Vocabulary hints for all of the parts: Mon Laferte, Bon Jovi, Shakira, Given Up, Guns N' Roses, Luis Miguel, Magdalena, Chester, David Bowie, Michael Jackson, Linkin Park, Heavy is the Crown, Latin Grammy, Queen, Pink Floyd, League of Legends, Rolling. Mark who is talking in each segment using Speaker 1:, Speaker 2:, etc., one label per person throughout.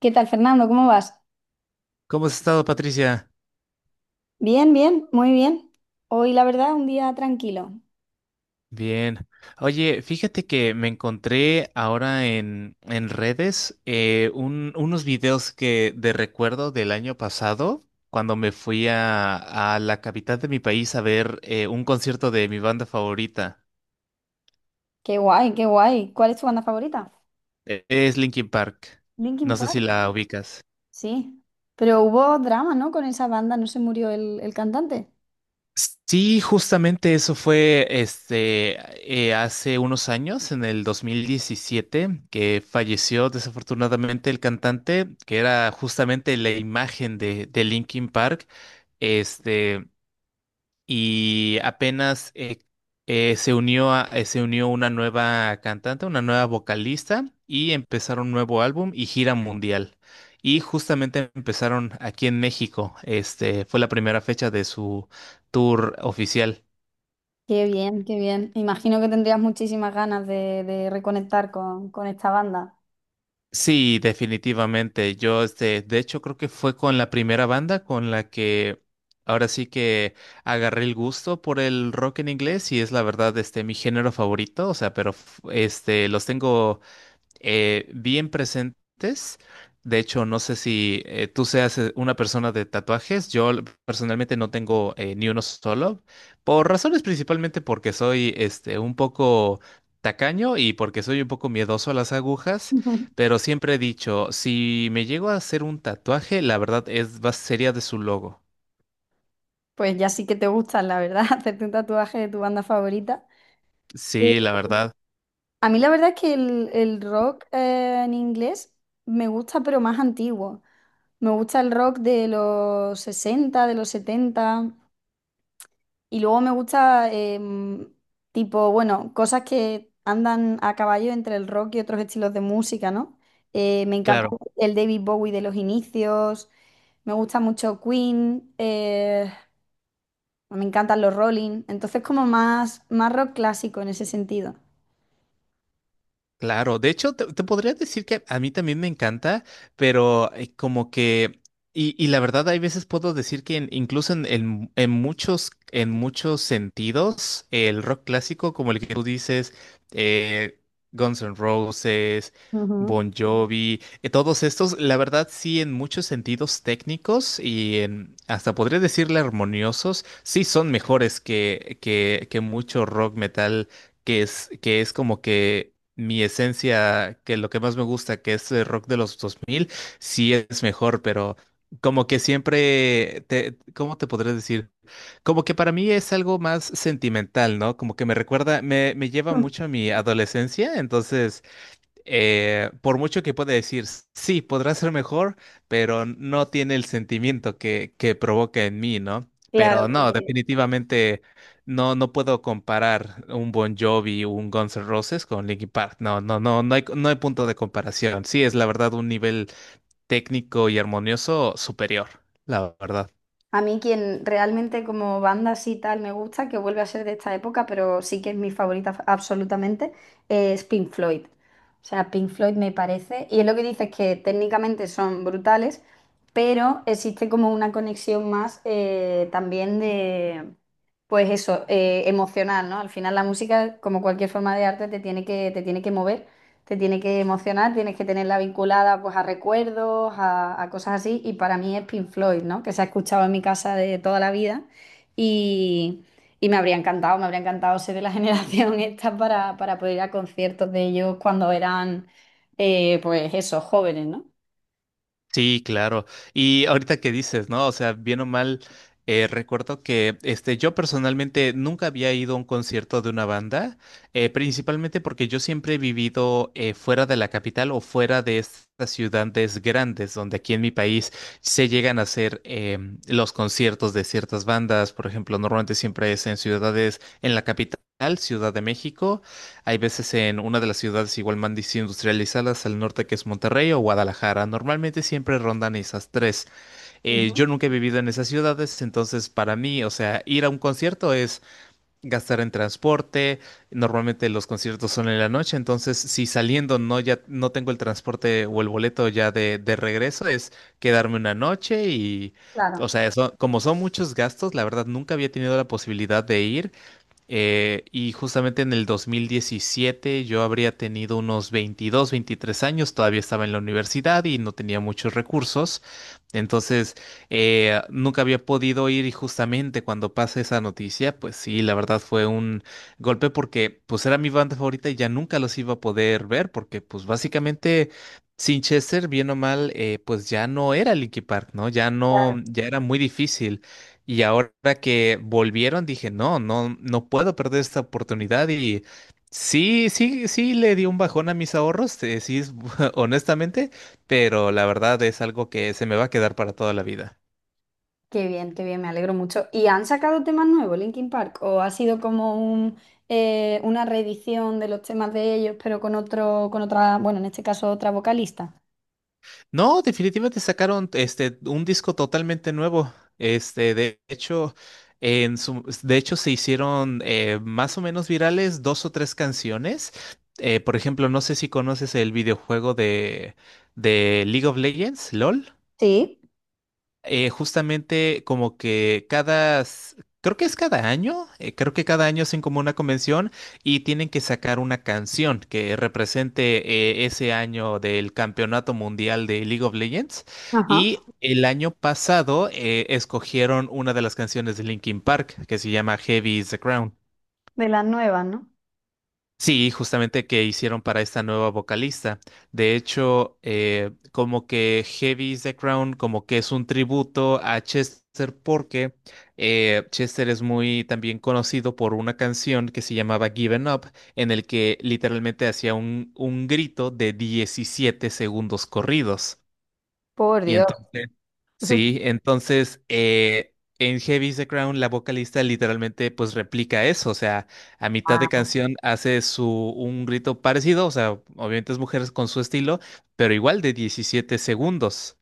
Speaker 1: ¿Qué tal, Fernando? ¿Cómo vas?
Speaker 2: ¿Cómo has estado, Patricia?
Speaker 1: Bien, bien, muy bien. Hoy, la verdad, un día tranquilo.
Speaker 2: Bien. Oye, fíjate que me encontré ahora en redes unos videos que de recuerdo del año pasado, cuando me fui a la capital de mi país a ver un concierto de mi banda favorita.
Speaker 1: Qué guay, qué guay. ¿Cuál es tu banda favorita?
Speaker 2: Es Linkin Park.
Speaker 1: Linkin
Speaker 2: No sé si
Speaker 1: Park.
Speaker 2: la ubicas.
Speaker 1: Sí. Pero hubo drama, ¿no? Con esa banda, ¿no se murió el cantante?
Speaker 2: Sí, justamente eso fue hace unos años, en el 2017, que falleció desafortunadamente el cantante, que era justamente la imagen de Linkin Park. Este, y apenas se unió una nueva cantante, una nueva vocalista, y empezaron un nuevo álbum y gira mundial. Y justamente empezaron aquí en México. Fue la primera fecha de su tour oficial.
Speaker 1: Qué bien, qué bien. Imagino que tendrías muchísimas ganas de reconectar con esta banda.
Speaker 2: Sí, definitivamente. Yo, de hecho, creo que fue con la primera banda con la que ahora sí que agarré el gusto por el rock en inglés y es la verdad, mi género favorito. O sea, pero los tengo bien presentes. De hecho, no sé si tú seas una persona de tatuajes. Yo personalmente no tengo ni uno solo, por razones principalmente porque soy un poco tacaño y porque soy un poco miedoso a las agujas,
Speaker 1: Ujú.
Speaker 2: pero siempre he dicho, si me llego a hacer un tatuaje, la verdad es, va, sería de su logo.
Speaker 1: Pues ya sí que te gustan, la verdad, hacerte un tatuaje de tu banda favorita. Eh,
Speaker 2: Sí, la verdad,
Speaker 1: A mí la verdad es que el rock en inglés me gusta, pero más antiguo. Me gusta el rock de los sesenta, de los setenta. Y luego me gusta, tipo, bueno, cosas que andan a caballo entre el rock y otros estilos de música, ¿no? Me encanta
Speaker 2: claro.
Speaker 1: el David Bowie de los inicios. Me gusta mucho Queen. Me encantan los Rolling. Entonces, como más, más rock clásico en ese sentido.
Speaker 2: Claro, de hecho, te podría decir que a mí también me encanta, pero como que, y la verdad, hay veces puedo decir que incluso en muchos sentidos, el rock clásico, como el que tú dices, eh, Guns N' Roses,
Speaker 1: Ujú.
Speaker 2: Bon Jovi, todos estos, la verdad, sí, en muchos sentidos técnicos y hasta podría decirle armoniosos, sí son mejores que mucho rock metal que es como que mi esencia, que lo que más me gusta, que es el rock de los 2000 sí es mejor, pero como que siempre, ¿cómo te podré decir? Como que para mí es algo más sentimental, ¿no? Como que me recuerda, me lleva mucho a mi adolescencia, entonces por mucho que pueda decir, sí, podrá ser mejor, pero no tiene el sentimiento que provoca en mí, ¿no?
Speaker 1: Claro,
Speaker 2: Pero no,
Speaker 1: porque
Speaker 2: definitivamente no puedo comparar un Bon Jovi, un Guns N' Roses con Linkin Park. No, no, no, no hay punto de comparación. Sí, es la verdad un nivel técnico y armonioso superior, la verdad.
Speaker 1: a mí quien realmente como banda así tal me gusta, que vuelve a ser de esta época, pero sí que es mi favorita absolutamente, es Pink Floyd. O sea, Pink Floyd me parece, y es lo que dices, que técnicamente son brutales, pero existe como una conexión más también de, pues eso, emocional, ¿no? Al final la música, como cualquier forma de arte, te tiene que mover. Te tiene que emocionar, tienes que tenerla vinculada pues a recuerdos, a cosas así. Y para mí es Pink Floyd, ¿no? Que se ha escuchado en mi casa de toda la vida. Y, y me habría encantado ser de la generación esta para poder ir a conciertos de ellos cuando eran, pues eso, jóvenes, ¿no?
Speaker 2: Sí, claro. Y ahorita que dices, ¿no? O sea, bien o mal, recuerdo que yo personalmente nunca había ido a un concierto de una banda, principalmente porque yo siempre he vivido fuera de la capital o fuera de estas ciudades grandes, donde aquí en mi país se llegan a hacer los conciertos de ciertas bandas. Por ejemplo, normalmente siempre es en ciudades, en la capital, Ciudad de México. Hay veces en una de las ciudades igual más industrializadas al norte que es Monterrey o Guadalajara. Normalmente siempre rondan esas tres.
Speaker 1: Ujú.
Speaker 2: Yo nunca he vivido en esas ciudades, entonces para mí, o sea, ir a un concierto es gastar en transporte. Normalmente los conciertos son en la noche, entonces si saliendo no ya no tengo el transporte o el boleto ya de regreso, es quedarme una noche y, o
Speaker 1: Claro.
Speaker 2: sea, eso, como son muchos gastos, la verdad nunca había tenido la posibilidad de ir. Y justamente en el 2017 yo habría tenido unos 22, 23 años, todavía estaba en la universidad y no tenía muchos recursos. Entonces, nunca había podido ir y justamente cuando pasa esa noticia, pues sí, la verdad fue un golpe porque pues era mi banda favorita y ya nunca los iba a poder ver porque pues básicamente Chester bien o mal, pues ya no era Linkin Park, ¿no? Ya no, ya era muy difícil. Y ahora que volvieron, dije, no, no, no puedo perder esta oportunidad. Y sí, sí, sí le di un bajón a mis ahorros, sí, honestamente, pero la verdad es algo que se me va a quedar para toda la vida.
Speaker 1: Qué bien, me alegro mucho. ¿Y han sacado temas nuevos, Linkin Park? ¿O ha sido como un, una reedición de los temas de ellos, pero con otro, con otra, bueno, en este caso otra vocalista?
Speaker 2: No, definitivamente sacaron un disco totalmente nuevo. De hecho, de hecho, se hicieron más o menos virales dos o tres canciones. Por ejemplo, no sé si conoces el videojuego de League of Legends, LOL.
Speaker 1: Sí.
Speaker 2: Justamente como que creo que es cada año, creo que cada año hacen como una convención y tienen que sacar una canción que represente ese año del Campeonato Mundial de League of Legends.
Speaker 1: Ajá.
Speaker 2: Y el año pasado escogieron una de las canciones de Linkin Park que se llama Heavy is the Crown.
Speaker 1: ¿De las nuevas, no?
Speaker 2: Sí, justamente que hicieron para esta nueva vocalista. De hecho, como que Heavy is the Crown, como que es un tributo a Chester porque Chester es muy también conocido por una canción que se llamaba Given Up, en el que literalmente hacía un grito de 17 segundos corridos.
Speaker 1: Por
Speaker 2: Y
Speaker 1: Dios.
Speaker 2: entonces Sí, entonces en Heavy is the Crown la vocalista literalmente pues replica eso, o sea, a mitad de
Speaker 1: Ah.
Speaker 2: canción hace su un grito parecido, o sea, obviamente es mujeres con su estilo, pero igual de 17 segundos.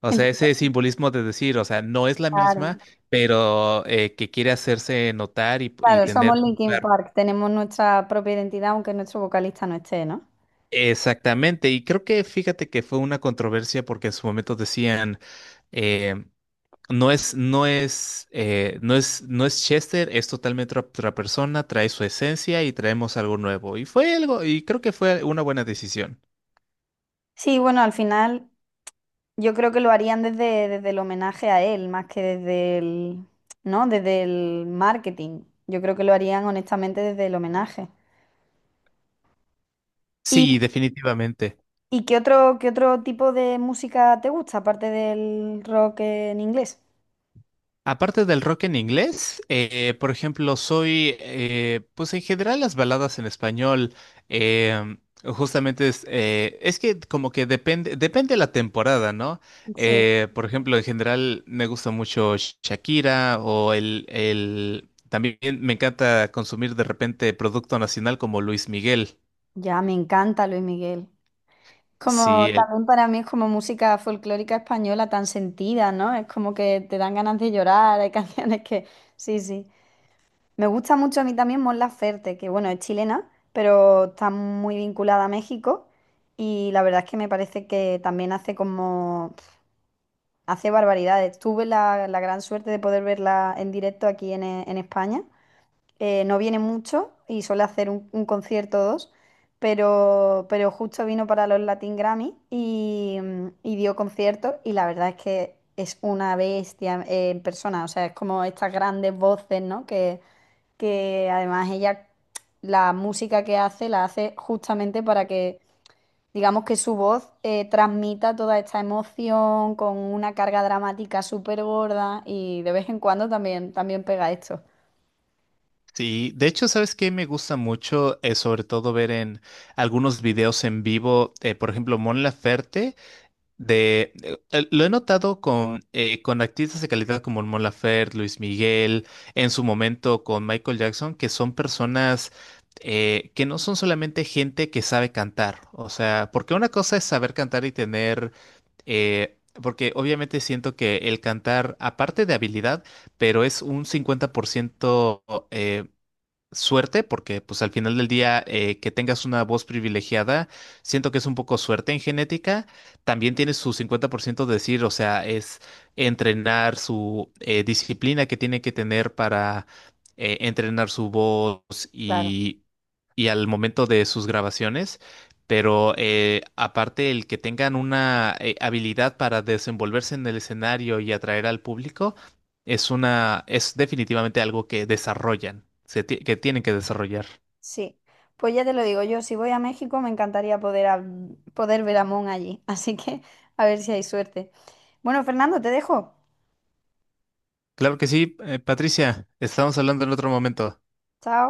Speaker 2: O sea,
Speaker 1: Entonces,
Speaker 2: ese simbolismo de decir, o sea, no es la misma,
Speaker 1: claro,
Speaker 2: pero que quiere hacerse notar y
Speaker 1: claro, somos
Speaker 2: tener un
Speaker 1: Linkin
Speaker 2: lugar.
Speaker 1: Park, tenemos nuestra propia identidad, aunque nuestro vocalista no esté, ¿no?
Speaker 2: Exactamente, y creo que fíjate que fue una controversia porque en su momento decían, eh, no es, no es Chester, es totalmente otra persona, trae su esencia y traemos algo nuevo. Y fue algo, y creo que fue una buena decisión.
Speaker 1: Sí, bueno, al final yo creo que lo harían desde, desde el homenaje a él, más que desde el, ¿no? Desde el marketing. Yo creo que lo harían honestamente desde el homenaje. ¿Y,
Speaker 2: Sí, definitivamente.
Speaker 1: y qué otro tipo de música te gusta, aparte del rock en inglés?
Speaker 2: Aparte del rock en inglés, por ejemplo, pues en general las baladas en español, justamente es que como que depende la temporada, ¿no?
Speaker 1: Sí.
Speaker 2: Por ejemplo, en general me gusta mucho Shakira o también me encanta consumir de repente producto nacional como Luis Miguel.
Speaker 1: Ya, me encanta Luis Miguel.
Speaker 2: Sí,
Speaker 1: Como también para mí es como música folclórica española tan sentida, ¿no? Es como que te dan ganas de llorar, hay canciones que... Sí, sí. Me gusta mucho a mí también Mon Laferte, que bueno, es chilena, pero está muy vinculada a México, y la verdad es que me parece que también hace como... hace barbaridades. Tuve la, la gran suerte de poder verla en directo aquí en España. No viene mucho y suele hacer un concierto o dos, pero justo vino para los Latin Grammy y, y dio conciertos, y la verdad es que es una bestia en persona, o sea, es como estas grandes voces, ¿no? Que además ella, la música que hace, la hace justamente para que, digamos, que su voz transmita toda esta emoción con una carga dramática súper gorda y de vez en cuando también, también pega esto.
Speaker 2: sí. De hecho, ¿sabes qué me gusta mucho? Sobre todo ver en algunos videos en vivo, por ejemplo, Mon Laferte. De, lo he notado con artistas de calidad como Mon Laferte, Luis Miguel, en su momento con Michael Jackson, que son personas que no son solamente gente que sabe cantar. O sea, porque una cosa es saber cantar y tener porque obviamente siento que el cantar, aparte de habilidad, pero es un 50% suerte, porque pues al final del día que tengas una voz privilegiada, siento que es un poco suerte en genética, también tiene su 50% de decir, o sea, es entrenar su disciplina que tiene que tener para entrenar su voz y, y al momento de sus grabaciones. Pero aparte el que tengan una habilidad para desenvolverse en el escenario y atraer al público, es definitivamente algo que desarrollan, que tienen que desarrollar.
Speaker 1: Sí, pues ya te lo digo yo, si voy a México me encantaría poder, poder ver a Mon allí, así que a ver si hay suerte. Bueno, Fernando, te dejo.
Speaker 2: Claro que sí, Patricia, estamos hablando en otro momento.
Speaker 1: Chao.